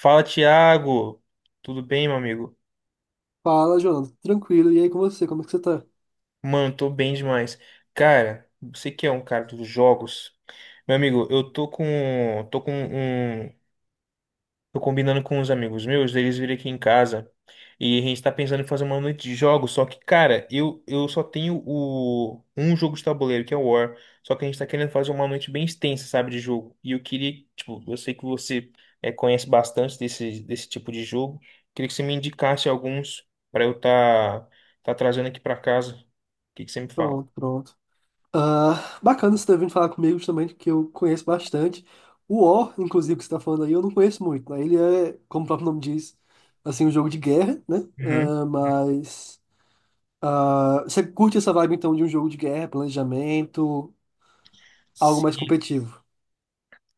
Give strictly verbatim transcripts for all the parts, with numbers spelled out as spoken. Fala, Thiago! Tudo bem, meu amigo? Fala, Jonathan. Tranquilo. E aí com você? Como é que você tá? Mano, tô bem demais. Cara, você que é um cara dos jogos, meu amigo, eu tô com, tô com um Tô combinando com uns amigos meus, eles virem aqui em casa e a gente tá pensando em fazer uma noite de jogos, só que, cara, eu, eu só tenho o um jogo de tabuleiro, que é o War, só que a gente tá querendo fazer uma noite bem extensa, sabe, de jogo. E eu queria, tipo, eu sei que você eh, conhece bastante desse, desse tipo de jogo, queria que você me indicasse alguns pra eu tá, tá trazendo aqui pra casa. O que que você me fala? Pronto, pronto. Ah, bacana você ter vindo falar comigo também, que eu conheço bastante. O War, inclusive, que você tá falando aí, eu não conheço muito, né? Ele é, como o próprio nome diz, assim, um jogo de guerra, né? Uhum. Ah, mas ah, você curte essa vibe, então, de um jogo de guerra, planejamento, algo mais Sim. competitivo.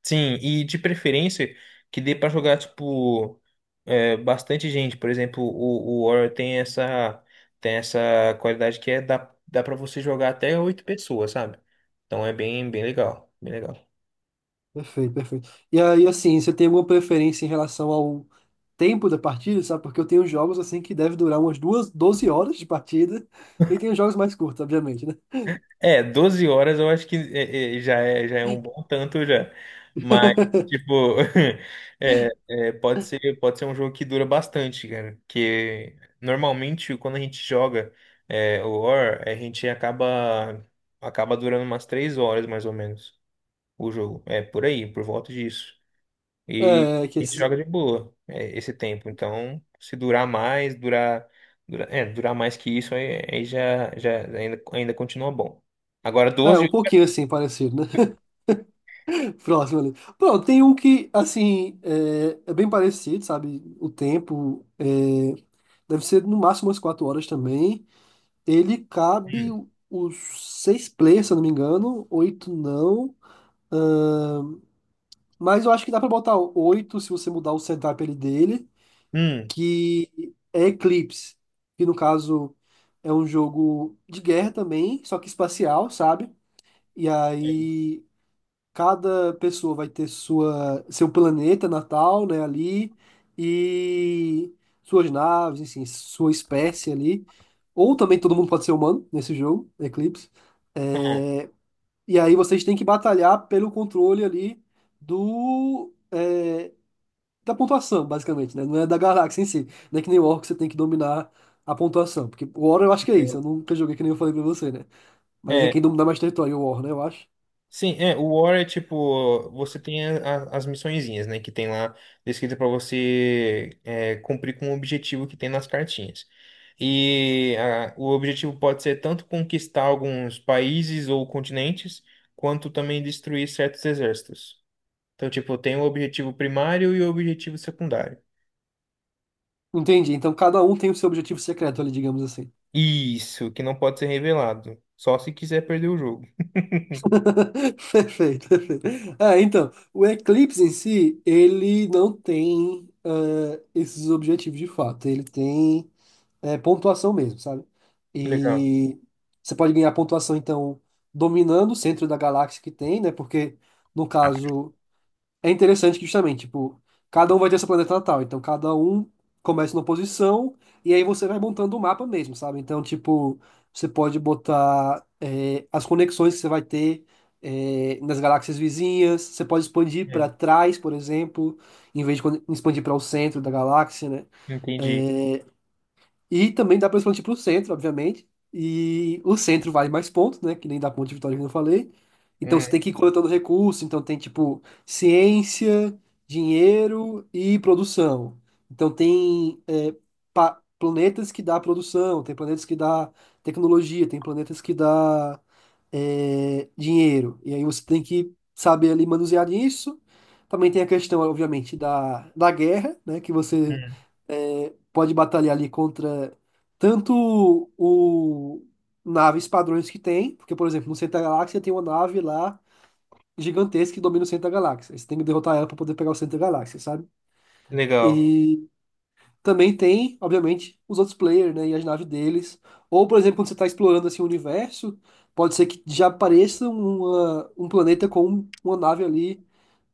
Sim, e de preferência que dê pra jogar, tipo, é, bastante gente. Por exemplo, o, o Warrior tem essa, tem essa qualidade que é dá, dá pra você jogar até oito pessoas, sabe? Então é bem, bem legal, bem legal. Perfeito, perfeito. E aí, assim, você tem alguma preferência em relação ao tempo da partida, sabe? Porque eu tenho jogos, assim, que deve durar umas duas, doze horas de partida, e tem os jogos mais curtos, obviamente, né? É, doze horas eu acho que é, é, já é, já é um bom tanto já. Mas, tipo, é, é, pode ser, pode ser um jogo que dura bastante, cara. Porque normalmente quando a gente joga é, o War, a gente acaba, acaba durando umas três horas mais ou menos o jogo. É por aí, por volta disso. E É, é que a gente esse- joga de boa é, esse tempo. Então, se durar mais, durar, dura- é, durar mais que isso, aí, aí já, já ainda, ainda continua bom. Agora, é, doze um pouquinho assim, parecido, né? Próximo ali. Pronto, tem um que, assim, é, é bem parecido, sabe? O tempo é, deve ser no máximo umas quatro horas também. Ele cabe os seis players, se eu não me engano, oito não. Ahn, mas eu acho que dá pra botar oito se você mudar o setup ali dele, hum, que é Eclipse, que no caso é um jogo de guerra também, só que espacial, sabe? E aí. Cada pessoa vai ter sua, seu planeta natal, né, ali, e suas naves, enfim, sua espécie ali. Ou também todo mundo pode ser humano nesse jogo, Eclipse. hum, É, e aí vocês têm que batalhar pelo controle ali do, é, da pontuação, basicamente, né? Não é da galáxia em si. Não é que nem o War que você tem que dominar a pontuação. Porque o War eu acho que é isso. Eu nunca joguei que nem eu falei pra você, né? Mas é hum. quem domina mais território, o War, né? Eu acho. Sim, é, o War é tipo, você tem a- a- as missõezinhas, né, que tem lá descrita para você é, cumprir com o objetivo que tem nas cartinhas. E a- o objetivo pode ser tanto conquistar alguns países ou continentes, quanto também destruir certos exércitos. Então, tipo, tem o objetivo primário e o objetivo secundário. Entendi. Então cada um tem o seu objetivo secreto ali, digamos assim. Isso, que não pode ser revelado, só se quiser perder o jogo. Perfeito, perfeito. Ah, então, o eclipse em si, ele não tem ah, esses objetivos de fato. Ele tem eh, pontuação mesmo, sabe? Legal. E você pode ganhar pontuação, então, dominando o centro da galáxia que tem, né? Porque, no caso, é interessante que justamente, tipo, cada um vai ter seu planeta natal, então cada um começa numa posição e aí você vai montando o mapa mesmo, sabe? Então, tipo, você pode botar é, as conexões que você vai ter é, nas galáxias vizinhas, você pode expandir É, para trás, por exemplo, em vez de quando- expandir para o centro da galáxia, né? entendi. É, e também dá pra expandir para o centro, obviamente. E o centro vale mais pontos, né? Que nem da ponte de vitória que eu falei. Então Hum, você tem que ir coletando recursos. Então tem tipo ciência, dinheiro e produção. Então tem é, pa- planetas que dá produção, tem planetas que dá tecnologia, tem planetas que dá é, dinheiro. E aí você tem que saber ali manusear isso. Também tem a questão, obviamente, da, da guerra, né? Que você, hum. é, pode batalhar ali contra tanto o naves padrões que tem, porque, por exemplo, no Centro da Galáxia tem uma nave lá gigantesca que domina o Centro da Galáxia. Aí você tem que derrotar ela para poder pegar o Centro da Galáxia, sabe? Legal, E também tem, obviamente, os outros players, né, e as naves deles. Ou, por exemplo, quando você está explorando assim o universo, pode ser que já apareça uma, um planeta com uma nave ali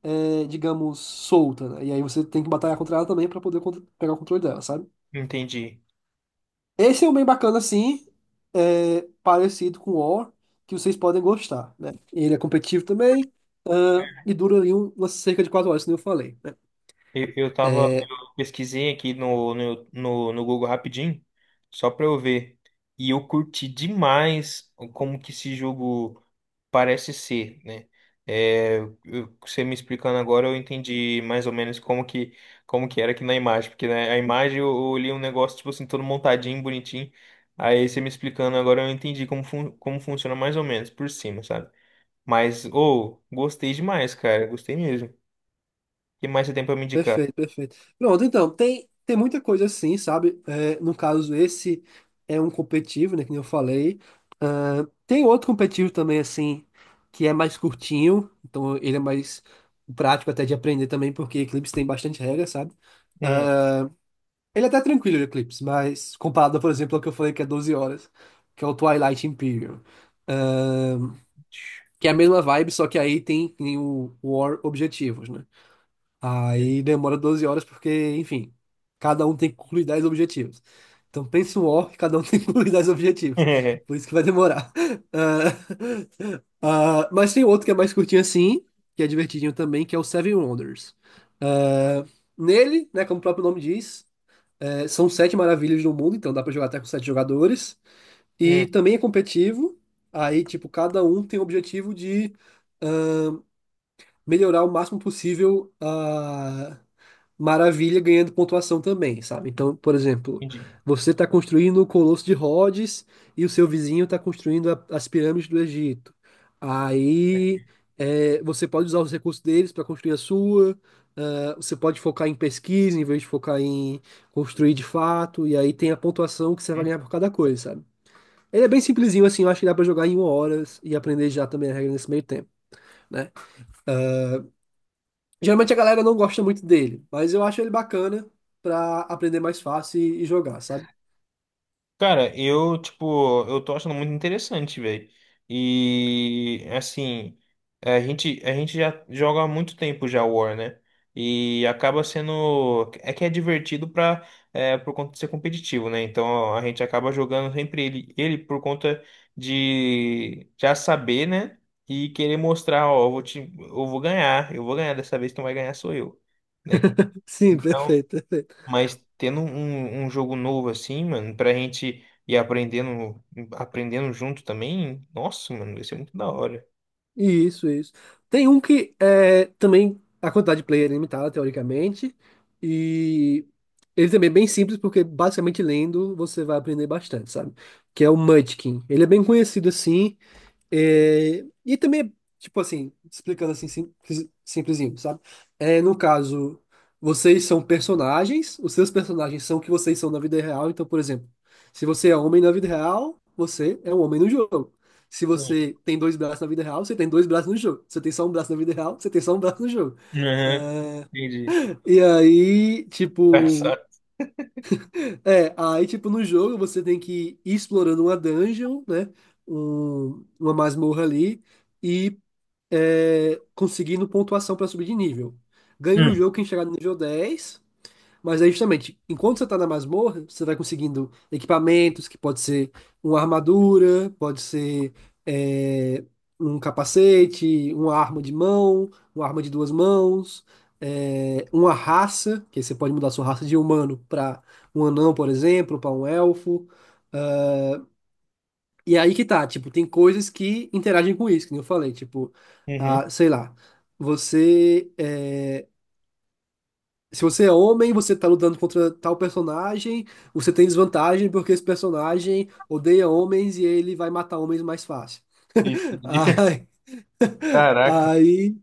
é, digamos, solta, né? E aí você tem que batalhar contra ela também para poder contro- pegar o controle dela, sabe? entendi. Esse é um bem bacana, assim, é, parecido com o War, que vocês podem gostar, né? Ele é competitivo também, ah, e dura ali um- umas cerca de quatro horas, como eu falei, né? Eu, eu tava, eu pesquisei aqui no, no, no, no Google rapidinho, só pra eu ver. E eu curti demais como que esse jogo parece ser, né? É, eu- você me explicando agora, eu entendi mais ou menos como que, como que era aqui na imagem. Porque né, a imagem eu, eu li um negócio, tipo assim, todo montadinho, bonitinho. Aí você me explicando agora, eu entendi como, fun- como funciona mais ou menos, por cima, sabe? Mas, ô, gostei demais, cara. Gostei mesmo. O que mais você tem pra me indicar? Perfeito, perfeito. Pronto, então, tem, tem muita coisa assim, sabe? É, no caso, esse é um competitivo, né? Que nem eu falei. Tem outro competitivo também, assim, que é mais curtinho, então ele é mais prático até de aprender também, porque Eclipse tem bastante regra, sabe? Hum. Ele é até tranquilo, o Eclipse, mas comparado, por exemplo, ao que eu falei que é doze horas, que é o Twilight Imperium. Ahn, que é a mesma vibe, só que aí tem, tem o War Objetivos, né? Aí demora doze horas porque, enfim, cada um tem que concluir dez objetivos. Então pensa um War que cada um tem que concluir dez objetivos. Por isso que vai demorar. Ah, ah, mas tem outro que é mais curtinho assim, que é divertidinho também, que é o Seven Wonders. Ah, nele, né, como o próprio nome diz, é, São sete maravilhas do mundo, então dá pra jogar até com sete jogadores. Hum, E também é competitivo. Aí, tipo, cada um tem o objetivo de melhorar o máximo possível a maravilha ganhando pontuação também, sabe? Então, por exemplo, entendi. você está construindo o Colosso de Rhodes e o seu vizinho está construindo a- as pirâmides do Egito. Aí é, você pode usar os recursos deles para construir a sua. ah, você pode focar em pesquisa em vez de focar em construir de fato, e aí tem a pontuação que você vai Hum. ganhar por cada coisa, sabe? Ele é bem simplesinho assim, eu acho que dá pra jogar em uma hora e aprender já também a regra nesse meio tempo, né? Geralmente a galera não gosta muito dele, mas eu acho ele bacana pra aprender mais fácil e, e jogar, sabe? Cara, eu, tipo, eu tô achando muito interessante, velho. E, assim, a gente, a gente já joga há muito tempo já War, né? E acaba sendo. É que é divertido pra, é, por conta de ser competitivo, né? Então a gente acaba jogando sempre ele, ele por conta de já saber, né? E querer mostrar, ó, eu vou te, eu vou ganhar, eu vou ganhar dessa vez, quem vai ganhar sou eu. Né? Sim, Então. perfeito, perfeito. Mas tendo um, um jogo novo assim, mano, pra gente ir aprendendo, aprendendo junto também, nossa, mano, vai ser muito da hora. Isso, isso. Tem um que é também a quantidade de player é limitada, teoricamente, e ele também é bem simples, porque basicamente lendo você vai aprender bastante, sabe? Que é o Munchkin. Ele é bem conhecido assim. É, e também, tipo assim, explicando assim, sim- simplesinho, sabe? É, no caso, vocês são personagens, os seus personagens são o que vocês são na vida real. Então, por exemplo, se você é homem na vida real, você é um homem no jogo. Se Sim. você tem dois braços na vida real, você tem dois braços no jogo. Se você tem só um braço na vida real, você tem só um braço no jogo. É, Aham, entendi. E aí, tipo, Engraçado. é, aí, tipo, no jogo você tem que ir explorando uma dungeon, né? Um, uma masmorra ali, E é, conseguindo pontuação para subir de nível. Ganha o Hum. jogo quem chegar no nível dez, mas aí justamente, enquanto você tá na masmorra, você vai conseguindo equipamentos, que pode ser uma armadura, pode ser é, um capacete, uma arma de mão, uma arma de duas mãos, é, uma raça, que aí você pode mudar sua raça de humano para um anão, por exemplo, para um elfo. E aí que tá, tipo, tem coisas que interagem com isso, que nem eu falei, tipo, Uhum. ah, sei lá, você, é, se você é homem, você tá lutando contra tal personagem, você tem desvantagem porque esse personagem odeia homens e ele vai matar homens mais fácil. Entendi. Aí, Caraca. aí,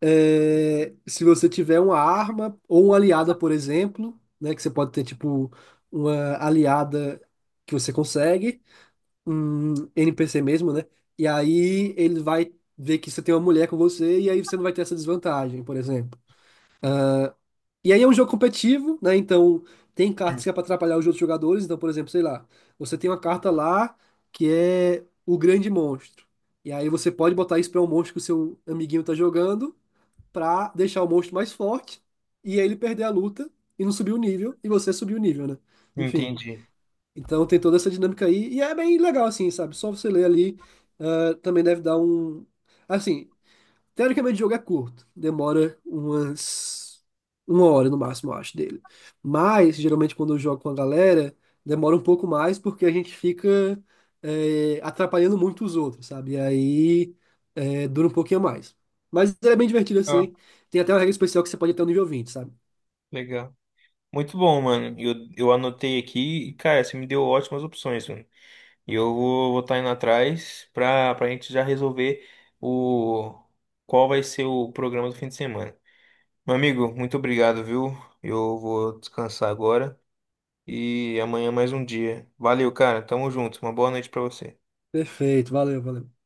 é, se você tiver uma arma ou uma aliada, por exemplo, né, que você pode ter, tipo, uma aliada que você consegue, um N P C mesmo, né? E aí ele vai ver que você tem uma mulher com você e aí você não vai ter essa desvantagem, por exemplo. E aí é um jogo competitivo, né? Então tem cartas Hum. que é para atrapalhar os outros jogadores. Então, por exemplo, sei lá, você tem uma carta lá que é o grande monstro. E aí você pode botar isso para um monstro que o seu amiguinho tá jogando para deixar o monstro mais forte e ele perder a luta e não subir o nível e você subir o nível, né? Enfim. Entendi. Então tem toda essa dinâmica aí, e é bem legal, assim, sabe? Só você ler ali, ah, também deve dar um. Assim, teoricamente o jogo é curto, demora umas. Uma hora no máximo, eu acho, dele. Mas, geralmente, quando eu jogo com a galera, demora um pouco mais porque a gente fica eh, atrapalhando muito os outros, sabe? E aí eh, dura um pouquinho mais. Mas ele é bem divertido, Ó, assim. Tem até uma regra especial que você pode ter no nível vinte, sabe? legal. Muito bom, mano. Eu, eu anotei aqui e, cara, você me deu ótimas opções, mano. E eu vou vou tá indo atrás pra, pra gente já resolver o qual vai ser o programa do fim de semana. Meu amigo, muito obrigado, viu? Eu vou descansar agora e amanhã mais um dia. Valeu, cara. Tamo junto. Uma boa noite pra você. Perfeito, valeu, valeu.